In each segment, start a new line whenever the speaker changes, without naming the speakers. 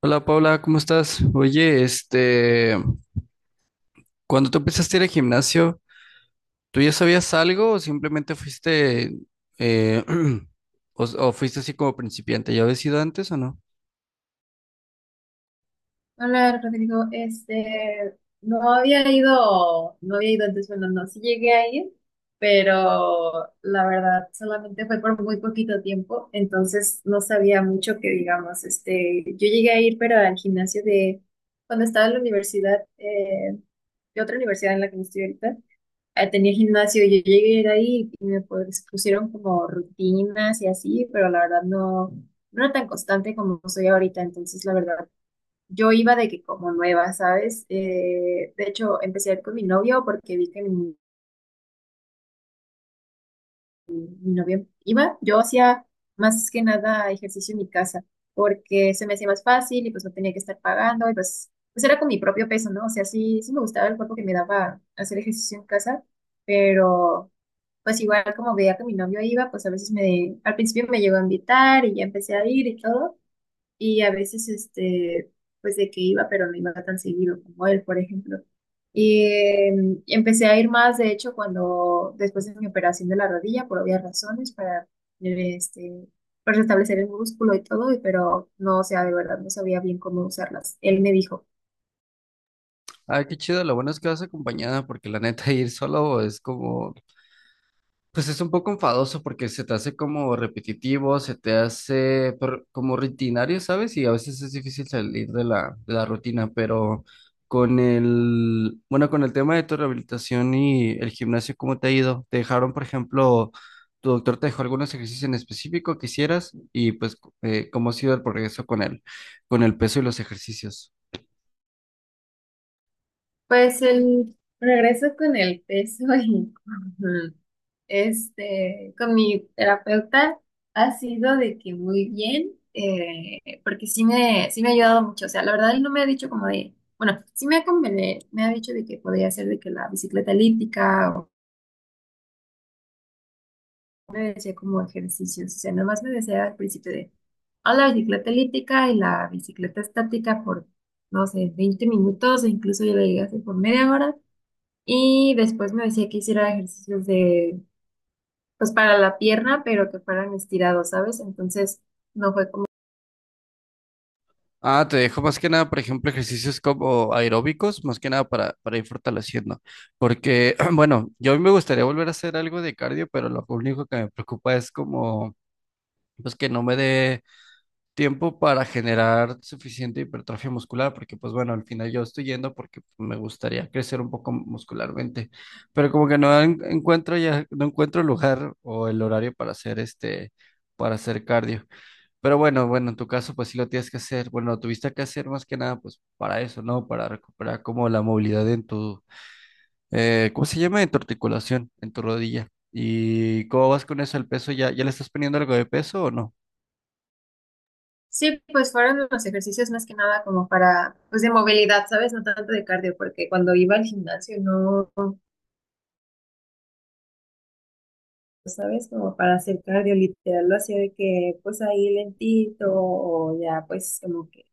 Hola Paula, ¿cómo estás? Oye, este, cuando tú empezaste a ir al gimnasio, ¿tú ya sabías algo o simplemente fuiste, eh, o fuiste así como principiante? ¿Ya habías ido antes o no?
Hola Rodrigo, no había ido, no había ido antes, bueno, no, sí llegué a ir, pero la verdad solamente fue por muy poquito tiempo, entonces no sabía mucho que digamos, yo llegué a ir, pero al gimnasio de, cuando estaba en la universidad, de otra universidad en la que no estoy ahorita, tenía gimnasio, yo llegué a ir ahí y me pues, pusieron como rutinas y así, pero la verdad no era tan constante como soy ahorita, entonces la verdad yo iba de que como nueva, ¿sabes? De hecho, empecé a ir con mi novio porque vi que mi novio iba. Yo hacía más que nada ejercicio en mi casa porque se me hacía más fácil y pues no tenía que estar pagando y pues era con mi propio peso, ¿no? O sea, sí me gustaba el cuerpo que me daba hacer ejercicio en casa, pero pues igual como veía que mi novio iba, pues a al principio me llegó a invitar y ya empecé a ir y todo. Y a veces, pues de que iba, pero no iba tan seguido como él, por ejemplo. Y empecé a ir más, de hecho, cuando después de mi operación de la rodilla, por obvias razones, para, eh, este, para restablecer el músculo y todo, pero no, o sea, de verdad no sabía bien cómo usarlas. Él me dijo.
Ay, qué chido, lo bueno es que vas acompañada porque la neta ir solo es como, pues es un poco enfadoso porque se te hace como repetitivo, se te hace como rutinario, ¿sabes? Y a veces es difícil salir de la rutina, pero con bueno, con el tema de tu rehabilitación y el gimnasio, ¿cómo te ha ido? ¿Te dejaron, por ejemplo, tu doctor te dejó algunos ejercicios en específico que hicieras? Y pues, ¿cómo ha sido el progreso con con el peso y los ejercicios?
Pues el regreso con el peso y con, con mi terapeuta ha sido de que muy bien, porque sí me ha ayudado mucho. O sea, la verdad él no me ha dicho como de, bueno, sí me ha convenido, me ha dicho de que podía hacer de que la bicicleta elíptica o me decía como ejercicios. O sea, nada más me decía al principio de, a la bicicleta elíptica y la bicicleta estática por, no sé, 20 minutos o incluso yo le llegué a hacer por media hora. Y después me decía que hiciera ejercicios de, pues para la pierna, pero que fueran estirados, ¿sabes? Entonces no fue como,
Ah, te dejo más que nada, por ejemplo, ejercicios como aeróbicos, más que nada para ir fortaleciendo. Porque, bueno, yo a mí me gustaría volver a hacer algo de cardio, pero lo único que me preocupa es como, pues que no me dé tiempo para generar suficiente hipertrofia muscular, porque pues bueno, al final yo estoy yendo porque me gustaría crecer un poco muscularmente, pero como que encuentro ya, no encuentro el lugar o el horario para hacer para hacer cardio. Bueno, en tu caso pues sí lo tienes que hacer. Bueno, lo tuviste que hacer más que nada pues para eso, ¿no? Para recuperar como la movilidad en tu, ¿cómo se llama? En tu articulación, en tu rodilla. ¿Y cómo vas con eso? ¿El peso ya le estás poniendo algo de peso o no?
sí, pues fueron los ejercicios más que nada como para, pues de movilidad, ¿sabes? No tanto de cardio, porque cuando iba al gimnasio no, ¿sabes? Como para hacer cardio, literal, lo hacía de que, pues ahí lentito, o ya, pues como que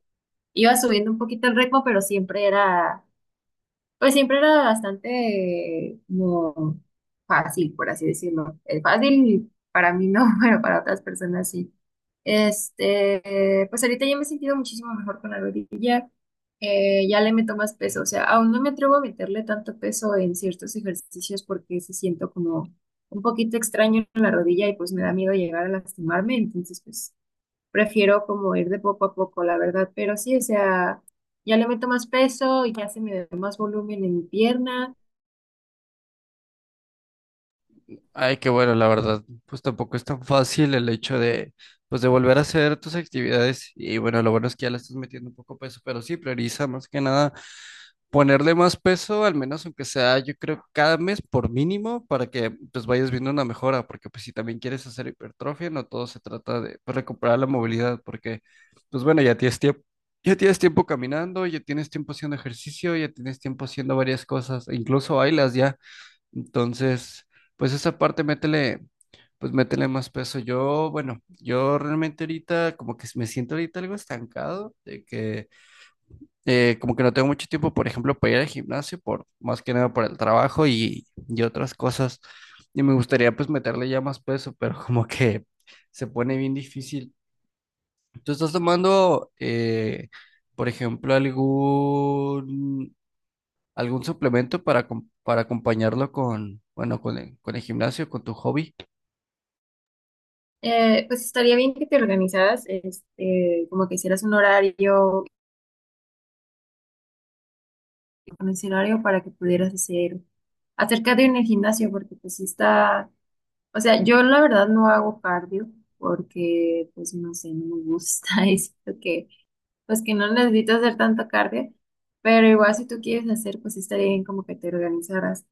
iba subiendo un poquito el ritmo, pero siempre era pues siempre era bastante como fácil, por así decirlo. Fácil para mí no, pero para otras personas sí. Este, pues ahorita ya me he sentido muchísimo mejor con la rodilla. Ya le meto más peso. O sea, aún no me atrevo a meterle tanto peso en ciertos ejercicios porque se siento como un poquito extraño en la rodilla y pues me da miedo llegar a lastimarme. Entonces, pues prefiero como ir de poco a poco, la verdad, pero sí, o sea, ya le meto más peso y ya se me da más volumen en mi pierna.
Ay, qué bueno, la verdad, pues tampoco es tan fácil el hecho de, pues de volver a hacer tus actividades. Y bueno, lo bueno es que ya le estás metiendo un poco peso, pero sí, prioriza más que nada ponerle más peso, al menos aunque sea, yo creo, cada mes por mínimo, para que pues vayas viendo una mejora, porque pues si también quieres hacer hipertrofia, no todo se trata de pues, recuperar la movilidad, porque pues bueno, ya tienes tiempo caminando, ya tienes tiempo haciendo ejercicio, ya tienes tiempo haciendo varias cosas, e incluso bailas ya. Entonces, pues esa parte métele, pues métele más peso. Yo realmente ahorita como que me siento ahorita algo estancado, de que como que no tengo mucho tiempo, por ejemplo, para ir al gimnasio, más que nada por el trabajo y otras cosas. Y me gustaría pues meterle ya más peso, pero como que se pone bien difícil. ¿Tú estás tomando, por ejemplo, algún suplemento para, para acompañarlo con, bueno, con con el gimnasio, con tu hobby?
Pues estaría bien que te organizaras, como que hicieras un horario, un escenario para que pudieras hacer acerca de un gimnasio, porque pues sí está, o sea, yo la verdad no hago cardio porque pues no sé, no me gusta, es que pues que no necesito hacer tanto cardio, pero igual si tú quieres hacer, pues sí estaría bien como que te organizaras.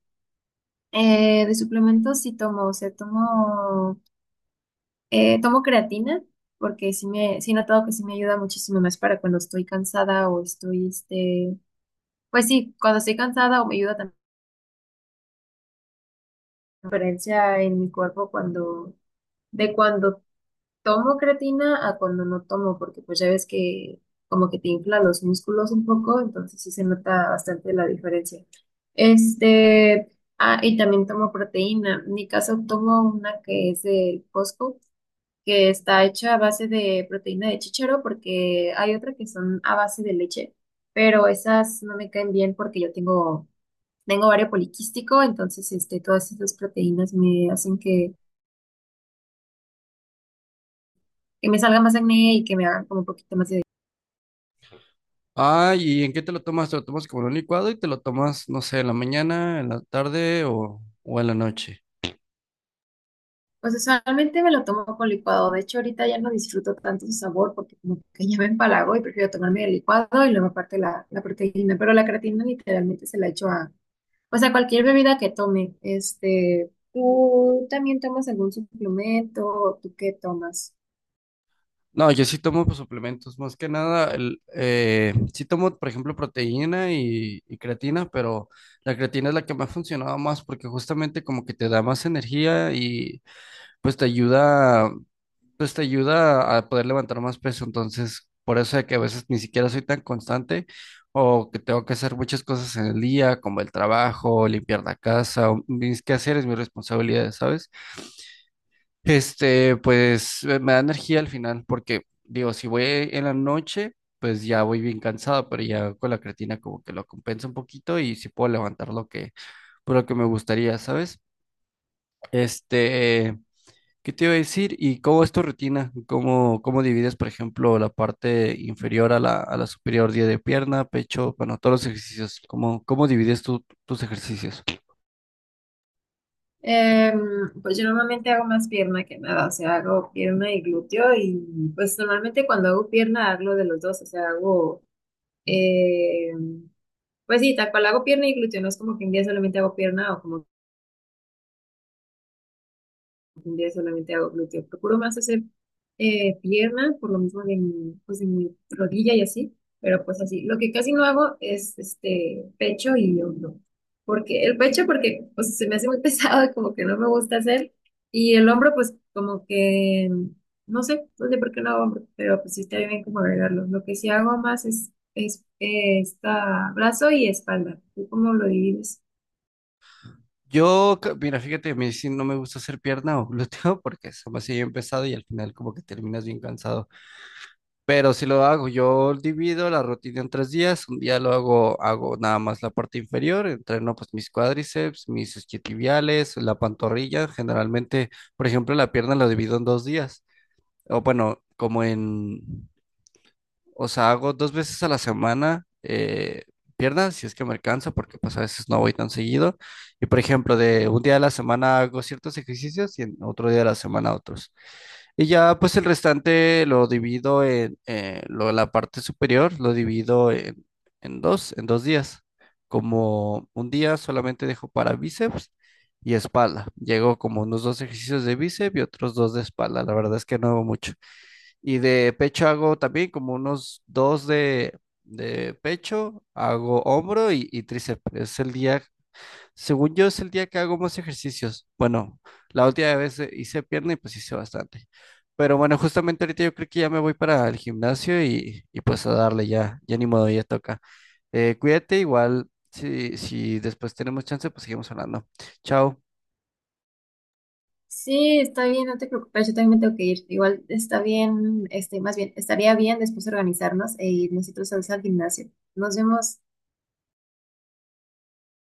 De suplementos sí tomo, o sea, tomo creatina porque sí he notado que sí me ayuda muchísimo más para cuando estoy cansada o estoy, pues sí, cuando estoy cansada o me ayuda también la diferencia en mi cuerpo cuando tomo creatina a cuando no tomo, porque pues ya ves que como que te infla los músculos un poco, entonces sí se nota bastante la diferencia. Este, ah, y también tomo proteína. En mi caso tomo una que es del Costco, que está hecha a base de proteína de chícharo, porque hay otra que son a base de leche, pero esas no me caen bien porque yo tengo ovario poliquístico, entonces este, todas esas proteínas me hacen que me salga más acné y que me hagan como un poquito más de...
Ah, ¿y en qué te lo tomas? ¿Te lo tomas como en un licuado y te lo tomas, no sé, en la mañana, en la tarde o en la noche?
Pues usualmente me lo tomo con licuado, de hecho ahorita ya no disfruto tanto su sabor porque como que ya me empalago y prefiero tomarme el licuado y luego aparte la proteína, pero la creatina literalmente se la echo a... O sea, cualquier bebida que tome. Este, ¿tú también tomas algún suplemento? ¿Tú qué tomas?
No, yo sí tomo pues, suplementos, más que nada, sí tomo, por ejemplo, proteína y creatina, pero la creatina es la que me ha funcionado más porque justamente como que te da más energía y pues te ayuda, pues te ayuda a poder levantar más peso, entonces por eso de que a veces ni siquiera soy tan constante o que tengo que hacer muchas cosas en el día, como el trabajo, limpiar la casa, o mis quehaceres, mis responsabilidades, ¿sabes? Este, pues me da energía al final, porque digo, si voy en la noche, pues ya voy bien cansado, pero ya con la creatina como que lo compensa un poquito y sí puedo levantar por lo que me gustaría, ¿sabes? Este, ¿qué te iba a decir? ¿Y cómo es tu rutina? ¿Cómo divides, por ejemplo, la parte inferior a a la superior, día de pierna, pecho, bueno, todos los ejercicios? ¿Cómo divides tú tus ejercicios?
Em, pues yo normalmente hago más pierna que nada, o sea, hago pierna y glúteo y pues normalmente cuando hago pierna hago de los dos, o sea, hago, em, pues sí, tal cual hago pierna y glúteo, no es como que un día solamente hago pierna o como pues, un día solamente hago glúteo. Procuro más hacer pierna, por lo mismo de mi, pues, de mi rodilla y así, pero pues así. Lo que casi no hago es este pecho y hombro. Porque el pecho, porque pues, se me hace muy pesado y como que no me gusta hacer. Y el hombro, pues como que, no sé por qué no hago hombro, pero pues sí estaría bien como agregarlo. Lo que sí hago más es esta brazo y espalda. ¿Tú cómo lo divides?
Mira, fíjate, a mí sí no me gusta hacer pierna o glúteo porque es demasiado pesado y al final como que terminas bien cansado. Pero si lo hago, yo divido la rutina en tres días. Un día lo hago, hago nada más la parte inferior, entreno pues mis cuádriceps, mis isquiotibiales, la pantorrilla. Generalmente, por ejemplo, la pierna la divido en dos días. O bueno, como en o sea, hago dos veces a la semana piernas, si es que me alcanza, porque pues a veces no voy tan seguido. Y por ejemplo, de un día de la semana hago ciertos ejercicios y en otro día de la semana otros. Y ya pues el restante lo divido en la parte superior, lo divido en, en dos días. Como un día solamente dejo para bíceps y espalda. Llego como unos dos ejercicios de bíceps y otros dos de espalda. La verdad es que no hago mucho. Y de pecho hago también como unos dos de pecho, hago hombro y tríceps. Es el día, según yo, es el día que hago más ejercicios. Bueno, la última vez hice pierna y pues hice bastante. Pero bueno, justamente ahorita yo creo que ya me voy para el gimnasio y pues a darle ya, ya ni modo, ya toca. Cuídate, igual, si después tenemos chance, pues seguimos hablando. Chao.
Sí, está bien, no te preocupes, yo también me tengo que ir. Igual está bien, más bien, estaría bien después organizarnos e irnos y todos al gimnasio. Nos vemos.